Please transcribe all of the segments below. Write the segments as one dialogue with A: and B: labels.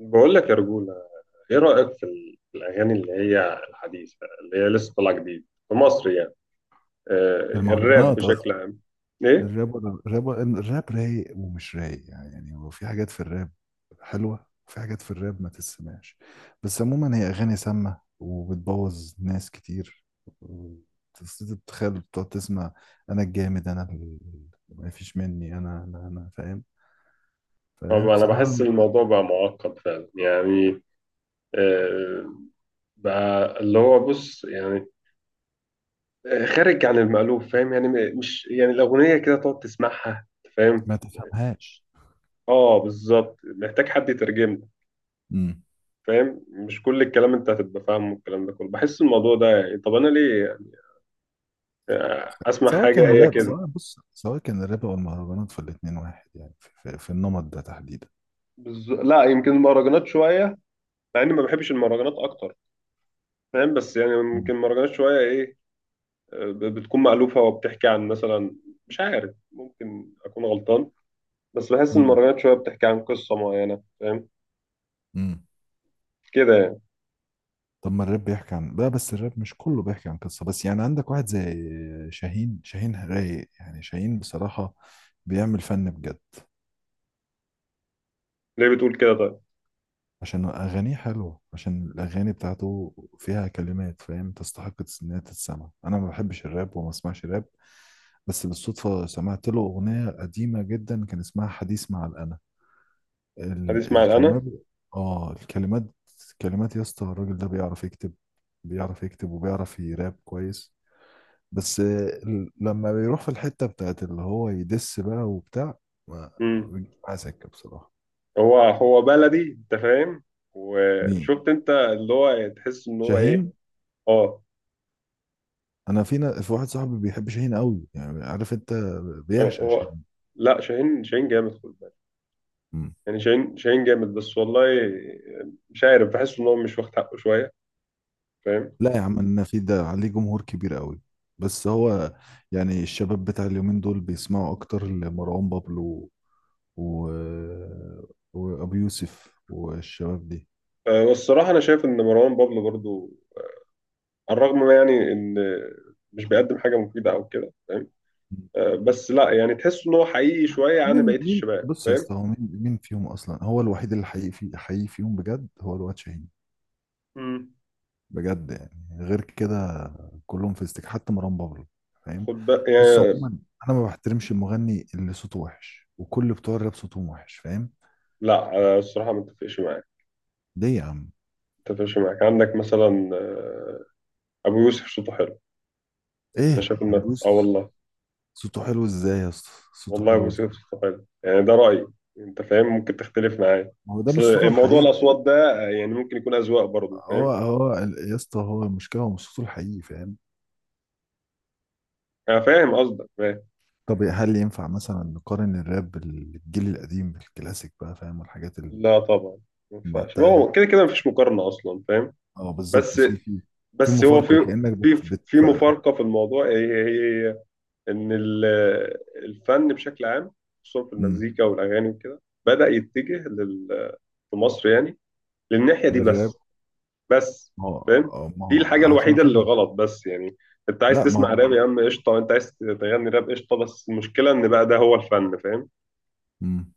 A: بقول لك يا رجولة. ايه رأيك في الأغاني اللي هي الحديثة اللي هي لسه طالعة جديد في مصر يعني؟ آه. الراب
B: المهرجانات قصدي.
A: بشكل عام؟ ايه.
B: الراب رايق ومش رايق، يعني هو في حاجات في الراب حلوة، وفي حاجات في الراب ما تسمعش. بس عموما هي أغاني سامة وبتبوظ ناس كتير. تتخيل بتقعد تسمع. أنا الجامد أنا ال- ما فيش مني. أنا فاهم؟ فهي
A: طبعا انا
B: بصراحة
A: بحس الموضوع بقى معقد فعلا يعني. آه. بقى اللي هو بص يعني، خارج عن المألوف، فاهم يعني؟ مش يعني الأغنية كده تقعد تسمعها، أنت فاهم.
B: ما تفهمهاش.
A: اه بالظبط، محتاج حد يترجم لك،
B: مم.
A: فاهم؟ مش كل الكلام انت هتبقى فاهمه. الكلام ده كله بحس الموضوع ده يعني، طب انا ليه؟ اسمع، حاجة هي كده.
B: سواء كان الراب أو المهرجانات، فالاتنين واحد يعني، في, النمط ده تحديدا.
A: لا، يمكن المهرجانات شويه، مع اني ما بحبش المهرجانات اكتر، فاهم؟ بس يعني يمكن المهرجانات شويه ايه، بتكون مألوفه وبتحكي عن مثلا، مش عارف، ممكن اكون غلطان، بس بحس ان
B: مم.
A: المهرجانات شويه بتحكي عن قصه معينه، فاهم؟
B: مم.
A: كده يعني.
B: طب ما الراب بيحكي عن بقى، بس الراب مش كله بيحكي عن قصة، بس يعني عندك واحد زي شاهين. شاهين رايق يعني، شاهين بصراحة بيعمل فن بجد.
A: ليه بتقول كده طيب؟
B: عشان أغانيه حلوة، عشان الأغاني بتاعته فيها كلمات، فاهم، تستحق إنها تتسمع. أنا ما بحبش الراب وما بسمعش راب، بس بالصدفة سمعت له أغنية قديمة جدا، كان اسمها حديث مع الأنا.
A: هتسمع انا.
B: الكلمات، آه الكلمات. كلمات يا اسطى، الراجل ده بيعرف يكتب. بيعرف يكتب وبيعرف يراب كويس. بس لما بيروح في الحتة بتاعت اللي هو يدس بقى وبتاع، ما
A: امم.
B: بيجيش معاه سكة بصراحة.
A: هو بلدي انت فاهم.
B: مين؟
A: وشفت انت اللي هو، تحس ان هو ايه؟
B: شاهين.
A: اه.
B: انا في واحد صاحبي بيحب شاهين قوي يعني، عارف انت،
A: هو
B: بيعشق
A: هو
B: شاهين.
A: لا، شاهين جامد، خد بالك.
B: مم.
A: يعني شاهين جامد بس والله. مش عارف، بحس ان هو مش واخد حقه شويه، فاهم؟
B: لا يا عم انا، في ده عليه جمهور كبير قوي. بس هو يعني الشباب بتاع اليومين دول بيسمعوا اكتر لمروان بابلو و... وابو يوسف والشباب دي.
A: آه، والصراحه انا شايف ان مروان بابلو برضو، على الرغم ما يعني ان مش بيقدم حاجه مفيده او كده، فاهم؟ آه، بس لا يعني تحس ان هو حقيقي شويه عن
B: مين؟
A: بقيه الشباب،
B: بص يا
A: فاهم؟
B: اسطى، هو مين؟ مين فيهم اصلا، هو الوحيد اللي حقيقي، في حقيقي فيهم بجد هو الواد شاهين.
A: امم.
B: بجد يعني، غير كده كلهم في استك، حتى مروان بابلو، فاهم؟
A: خد بقى
B: بص
A: يعني.
B: عموما، انا ما بحترمش المغني اللي صوته وحش، وكل بتوع الراب صوتهم وحش، فاهم؟
A: لا آه، الصراحه ما اتفقش معاك.
B: ليه يا عم؟
A: ما اتفقش معاك، عندك مثلا آه، ابو يوسف صوته حلو. انا
B: ايه
A: شايف
B: يا
A: ان اه
B: بروسس؟
A: والله.
B: صوته حلو ازاي يا اسطى؟ صوته
A: والله
B: حلو
A: موسيقى
B: ازاي؟
A: الصفات يعني، ده رأيي، انت فاهم، ممكن تختلف معايا.
B: ما هو ده مش صوته
A: اصل موضوع
B: الحقيقي.
A: الاصوات ده يعني ممكن يكون اذواق برضه، فاهم؟
B: يا اسطى، هو المشكله هو مش صوته الحقيقي، فاهم؟
A: انا فاهم قصدك، فاهم.
B: طب هل ينفع مثلا نقارن الراب بالجيل القديم، بالكلاسيك بقى، فاهم، والحاجات
A: لا طبعا، ما ينفعش، ما
B: المعتقة دي؟
A: هو كده كده مفيش مقارنة اصلا، فاهم؟
B: اه بالظبط،
A: بس،
B: في في
A: بس هو
B: مفارقة
A: في،
B: كأنك بت
A: في
B: بت
A: في مفارقة في الموضوع، هي ان الفن بشكل عام، خصوصا في
B: امم
A: المزيكا والاغاني وكده، بدأ يتجه لل، في مصر يعني، للناحية دي
B: للراب.
A: بس. بس فاهم،
B: ما
A: دي
B: هو
A: الحاجة
B: عشان
A: الوحيدة اللي
B: خاطر.
A: غلط بس يعني. انت عايز
B: لا ما
A: تسمع
B: هو.
A: راب يا عم قشطة، انت عايز تغني راب قشطة، بس المشكلة ان بقى ده هو الفن، فاهم؟
B: امم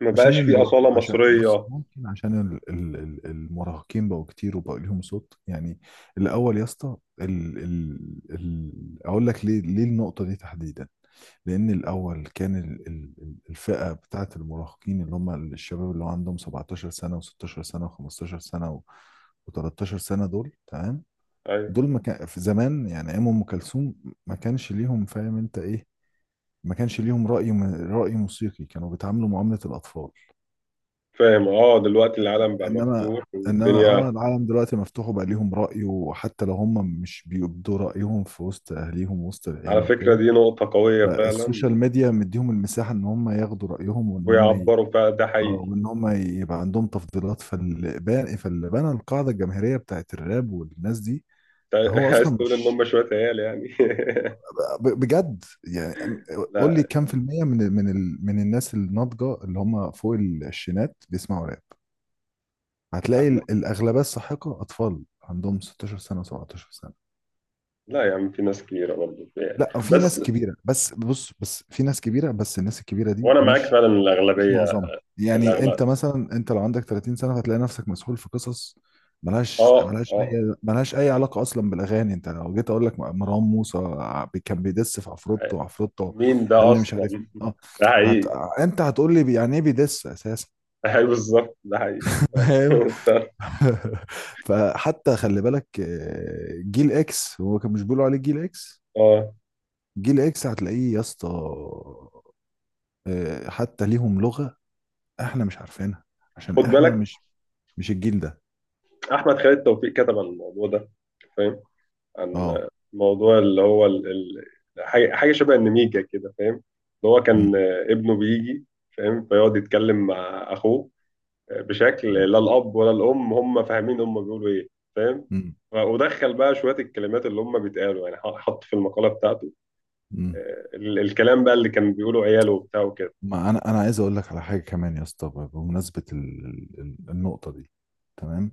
A: ما
B: عشان
A: بقاش في
B: المراهق،
A: أصالة
B: عشان بص
A: مصرية.
B: ممكن، عشان المراهقين بقوا كتير وبقوا ليهم صوت يعني. الاول يا اسطى اقول لك ليه، النقطه دي تحديدا، لان الاول كان الفئه بتاعه المراهقين، اللي هم الشباب اللي هو عندهم 17 سنه، و16 سنه، و15 سنه، و13 سنه، دول تمام.
A: ايوه.
B: دول ما كان في زمان يعني، ايام ام كلثوم ما كانش ليهم، فاهم انت ايه، ما كانش ليهم راي، راي موسيقي. كانوا بيتعاملوا معامله الاطفال.
A: فاهم، اه دلوقتي العالم بقى
B: انما،
A: مفتوح والدنيا.
B: العالم دلوقتي مفتوح، وبقى ليهم رأي، وحتى لو هم مش بيبدوا رأيهم في وسط اهليهم ووسط
A: على
B: العيلة
A: فكرة
B: وكده،
A: دي نقطة قوية
B: فالسوشيال
A: فعلا.
B: ميديا مديهم المساحة ان هم ياخدوا رأيهم، وان هم
A: ويعبروا فعلا ده حقيقي.
B: وان هم يبقى عندهم تفضيلات. فاللي بنى القاعدة الجماهيرية بتاعت الراب والناس دي،
A: انت
B: هو
A: عايز
B: اصلا
A: تقول ان
B: مش
A: هم شوية عيال يعني؟
B: بجد يعني، قول لي
A: لا.
B: كام في المية من من الناس الناضجة اللي هم فوق العشرينات بيسمعوا راب.
A: ده
B: هتلاقي
A: احنا.
B: الأغلبية الساحقة أطفال عندهم 16 سنة و17 سنة.
A: لا يا عم في ناس كبيرة برضه يعني.
B: لا في ناس
A: بس
B: كبيرة، بس بص، بس في ناس كبيرة، بس الناس الكبيرة دي
A: وانا معاك
B: مش،
A: فعلا
B: مش
A: الاغلبية،
B: معظمها يعني.
A: الاغلب.
B: أنت مثلا، أنت لو عندك 30 سنة هتلاقي نفسك مسحول في قصص
A: اه اه.
B: ملهاش أي علاقة أصلا بالأغاني. أنت لو جيت أقول لك، مروان موسى كان بيدس في عفروتو، عفروتو،
A: مين
B: قال
A: ده
B: لي مش
A: اصلا؟
B: عارف مين. أه
A: ده
B: هت...
A: حقيقي.
B: أنت هتقول لي يعني إيه بيدس أساسا؟
A: ده حقيقي بالظبط، ده حقيقي فعلا.
B: فاهم.
A: ف-
B: فحتى خلي بالك، آه، جيل اكس، هو كان مش بيقولوا عليه جيل اكس؟
A: اه،
B: جيل اكس هتلاقيه يا اسطى، آه، حتى ليهم لغة احنا مش عارفينها، عشان
A: خد
B: احنا
A: بالك،
B: مش، الجيل ده.
A: احمد خالد توفيق كتب عن الموضوع ده، فاهم؟ عن
B: اه.
A: موضوع اللي هو حاجه، حاجة شبه النميجه كده، فاهم؟ اللي هو كان
B: مم.
A: آه، ابنه بيجي، فاهم؟ فيقعد يتكلم مع اخوه، آه، بشكل
B: مم.
A: لا الاب ولا الام هم فاهمين هم بيقولوا ايه، فاهم؟
B: مم.
A: ودخل بقى شويه الكلمات اللي هم بيتقالوا يعني، حط في المقاله بتاعته،
B: مم.
A: آه، الكلام بقى اللي كان بيقوله عياله وبتاع وكده.
B: ما انا عايز اقول لك على حاجة كمان يا اسطى، بمناسبة النقطة دي، تمام.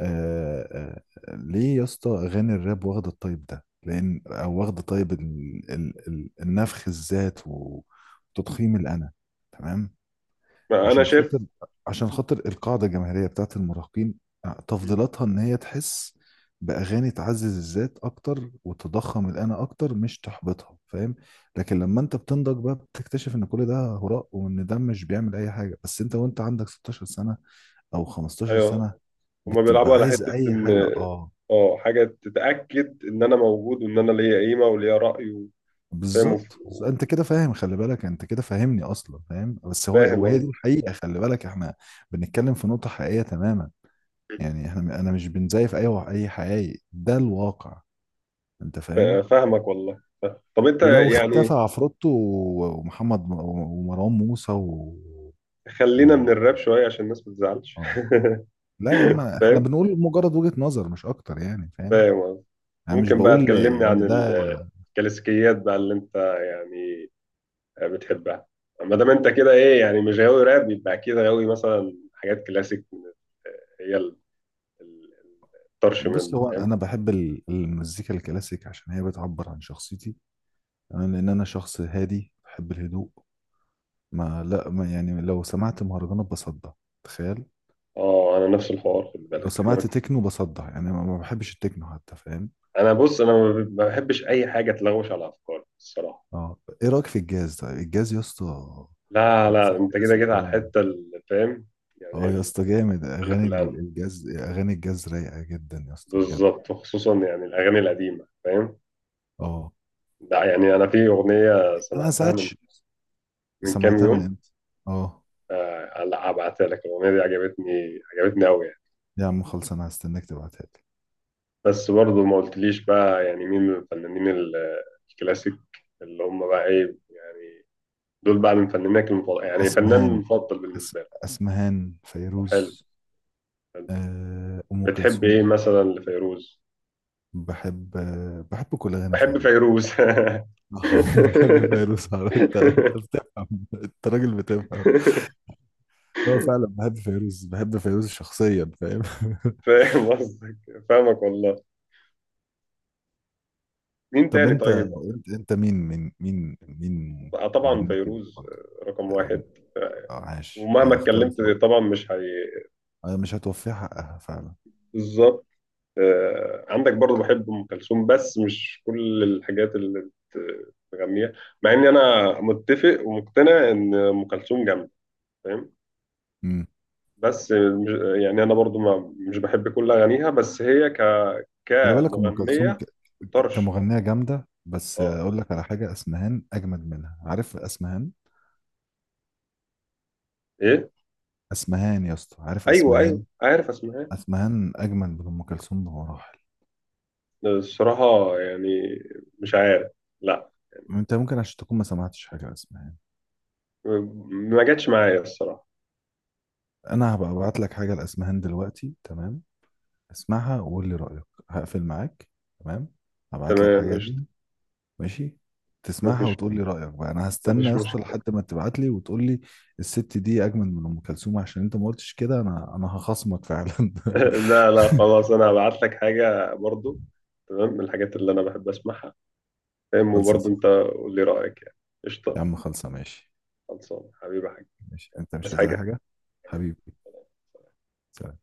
B: آه آه آه، ليه يا اسطى اغاني الراب واخده الطيب ده؟ لان او واخده طيب النفخ الذات، و- وتضخيم الانا، تمام.
A: انا
B: عشان
A: شايف.
B: خاطر عشان خاطر القاعده الجماهيريه بتاعت المراهقين، آه،
A: مم.
B: تفضيلاتها ان هي تحس باغاني تعزز الذات اكتر وتضخم الانا اكتر، مش تحبطها، فاهم؟ لكن لما انت بتنضج بقى بتكتشف ان كل ده هراء، وان ده مش بيعمل اي حاجه. بس انت وانت عندك 16 سنه او 15
A: ايوه.
B: سنه
A: هما
B: بتبقى
A: بيلعبوا على
B: عايز
A: حته
B: اي
A: ان،
B: حاجه. اه
A: اه، حاجه تتاكد ان انا موجود وان انا ليا قيمه وليا راي. وفاهم
B: بالظبط. بس انت
A: وف-
B: كده فاهم، خلي بالك، انت كده فاهمني اصلا، فاهم، بس هو
A: وفاهم
B: وهي
A: قصدي.
B: دي الحقيقه. خلي بالك احنا بنتكلم في نقطه حقيقيه تماما، يعني احنا، انا مش بنزيف اي، اي حقيقي، ده الواقع، انت فاهم.
A: فاهمك والله. طب انت
B: ولو
A: يعني،
B: اختفى عفروتو ومحمد ومروان موسى
A: خلينا
B: و...
A: من الراب شويه عشان الناس ما تزعلش.
B: آه. لا يا عم، احنا
A: فاهم،
B: بنقول مجرد وجهه نظر مش اكتر يعني، فاهم؟
A: فاهم قصدي.
B: انا مش
A: ممكن بقى
B: بقول
A: تكلمني عن
B: ان ده.
A: الكلاسيكيات بقى اللي انت يعني بتحبها؟ ما دام انت كده ايه يعني، مش غاوي راب، يبقى اكيد غاوي مثلا حاجات كلاسيك من هي ال- ال- الطرش
B: بص،
A: منه.
B: هو انا بحب المزيكا الكلاسيك عشان هي بتعبر عن شخصيتي، انا لان انا شخص هادي بحب الهدوء. ما لا، ما يعني لو سمعت مهرجانات بصدع. تخيل.
A: اه انا نفس الحوار، خد
B: لو
A: بالك احنا.
B: سمعت تكنو بصدع، يعني ما بحبش التكنو حتى، فاهم؟
A: انا بص انا ما بحبش اي حاجه تلغوش على افكاري الصراحه.
B: اه ايه رايك في الجاز طيب؟ الجاز يا اسطى،
A: لا
B: الجاز
A: لا، انت كده
B: الكلاسيك
A: كده على
B: ده،
A: الحته اللي فاهم
B: اه
A: يعني،
B: يا اسطى جامد.
A: اللي في
B: اغاني
A: القلب.
B: الجاز، اغاني الجاز رايقه جدا يا اسطى، بجد.
A: بالظبط، وخصوصا يعني الاغاني القديمه، فاهم؟
B: اه.
A: ده يعني انا في اغنيه
B: انا
A: سمعتها
B: ساعات
A: من، من كام
B: سمعتها من
A: يوم.
B: امتى. اه.
A: لا هبعتها لك، الاغنيه دي عجبتني، عجبتني قوي يعني.
B: يا عم خلص، انا هستناك تبعتها لي.
A: بس برضه ما قلتليش بقى يعني مين من الفنانين الكلاسيك اللي هم بقى ايه يعني، دول بقى من فنانك المفضل، يعني فنان
B: اسمها
A: مفضل
B: أس...
A: بالنسبه
B: أسمهان،
A: لي. حلو.
B: فيروز، آه، أم
A: بتحب ايه
B: كلثوم.
A: مثلا لفيروز؟
B: بحب كل أغاني
A: بحب
B: فيروز.
A: فيروز.
B: بحب فيروز على- انت بتفهم، انت راجل بتفهم. هو فعلا بحب فيروز، بحب فيروز شخصيا، فاهم؟
A: فاهم قصدك، فاهمك والله. مين
B: طب
A: تاني
B: انت
A: طيب؟
B: مين
A: آه، طبعا
B: مغنيك
A: فيروز
B: المفضل؟
A: آه، رقم واحد. آه،
B: آه، عاش.
A: ومهما
B: هي اختيار
A: اتكلمت
B: صح.
A: طبعا مش هي.
B: آه، مش هتوفيه حقها فعلا.
A: بالظبط. آه، عندك برضو بحب ام كلثوم بس مش كل الحاجات اللي بتغنيها، مع اني انا متفق ومقتنع ان ام كلثوم جامده، فاهم؟ بس مش يعني، انا برضو ما مش بحب كل اغانيها، بس هي ك،
B: خلي بالك ام كلثوم
A: كمغنية طرش.
B: كمغنيه جامده، بس
A: اه.
B: اقول لك على حاجه، اسمهان اجمد منها. عارف اسمهان؟
A: ايه.
B: اسمهان يا اسطى، عارف
A: ايوه
B: اسمهان؟
A: ايوه عارف، اسمها إيه؟
B: اسمهان اجمد من ام كلثوم بمراحل.
A: الصراحة يعني مش عارف، لا.
B: انت ممكن عشان تكون ما سمعتش حاجه لاسمهان.
A: ما جاتش معايا الصراحة.
B: انا هبقى ابعت لك حاجه لاسمهان دلوقتي، تمام؟ اسمعها وقول لي رايك. هقفل معاك. تمام. هبعت لك
A: تمام.
B: حاجه
A: مش،
B: ليها. ماشي، تسمعها
A: مفيش،
B: وتقول لي رايك بقى، انا هستنى
A: مفيش
B: يا اسطى
A: مشكلة.
B: لحد ما تبعت لي وتقول لي الست دي اجمل من ام كلثوم. عشان انت ما قلتش كده، انا هخصمك فعلا.
A: لا لا خلاص، انا هبعت لك حاجة برضو تمام، من الحاجات اللي انا بحب اسمعها. تمام،
B: خلصة
A: وبرضو
B: صح.
A: انت قول لي رأيك يعني.
B: يا
A: قشطة.
B: عم خلصة. ماشي.
A: خلصان حبيبي يا حاج.
B: ماشي، انت
A: بس
B: مش عايز أي
A: حاجة.
B: حاجة حبيبي؟ سلام.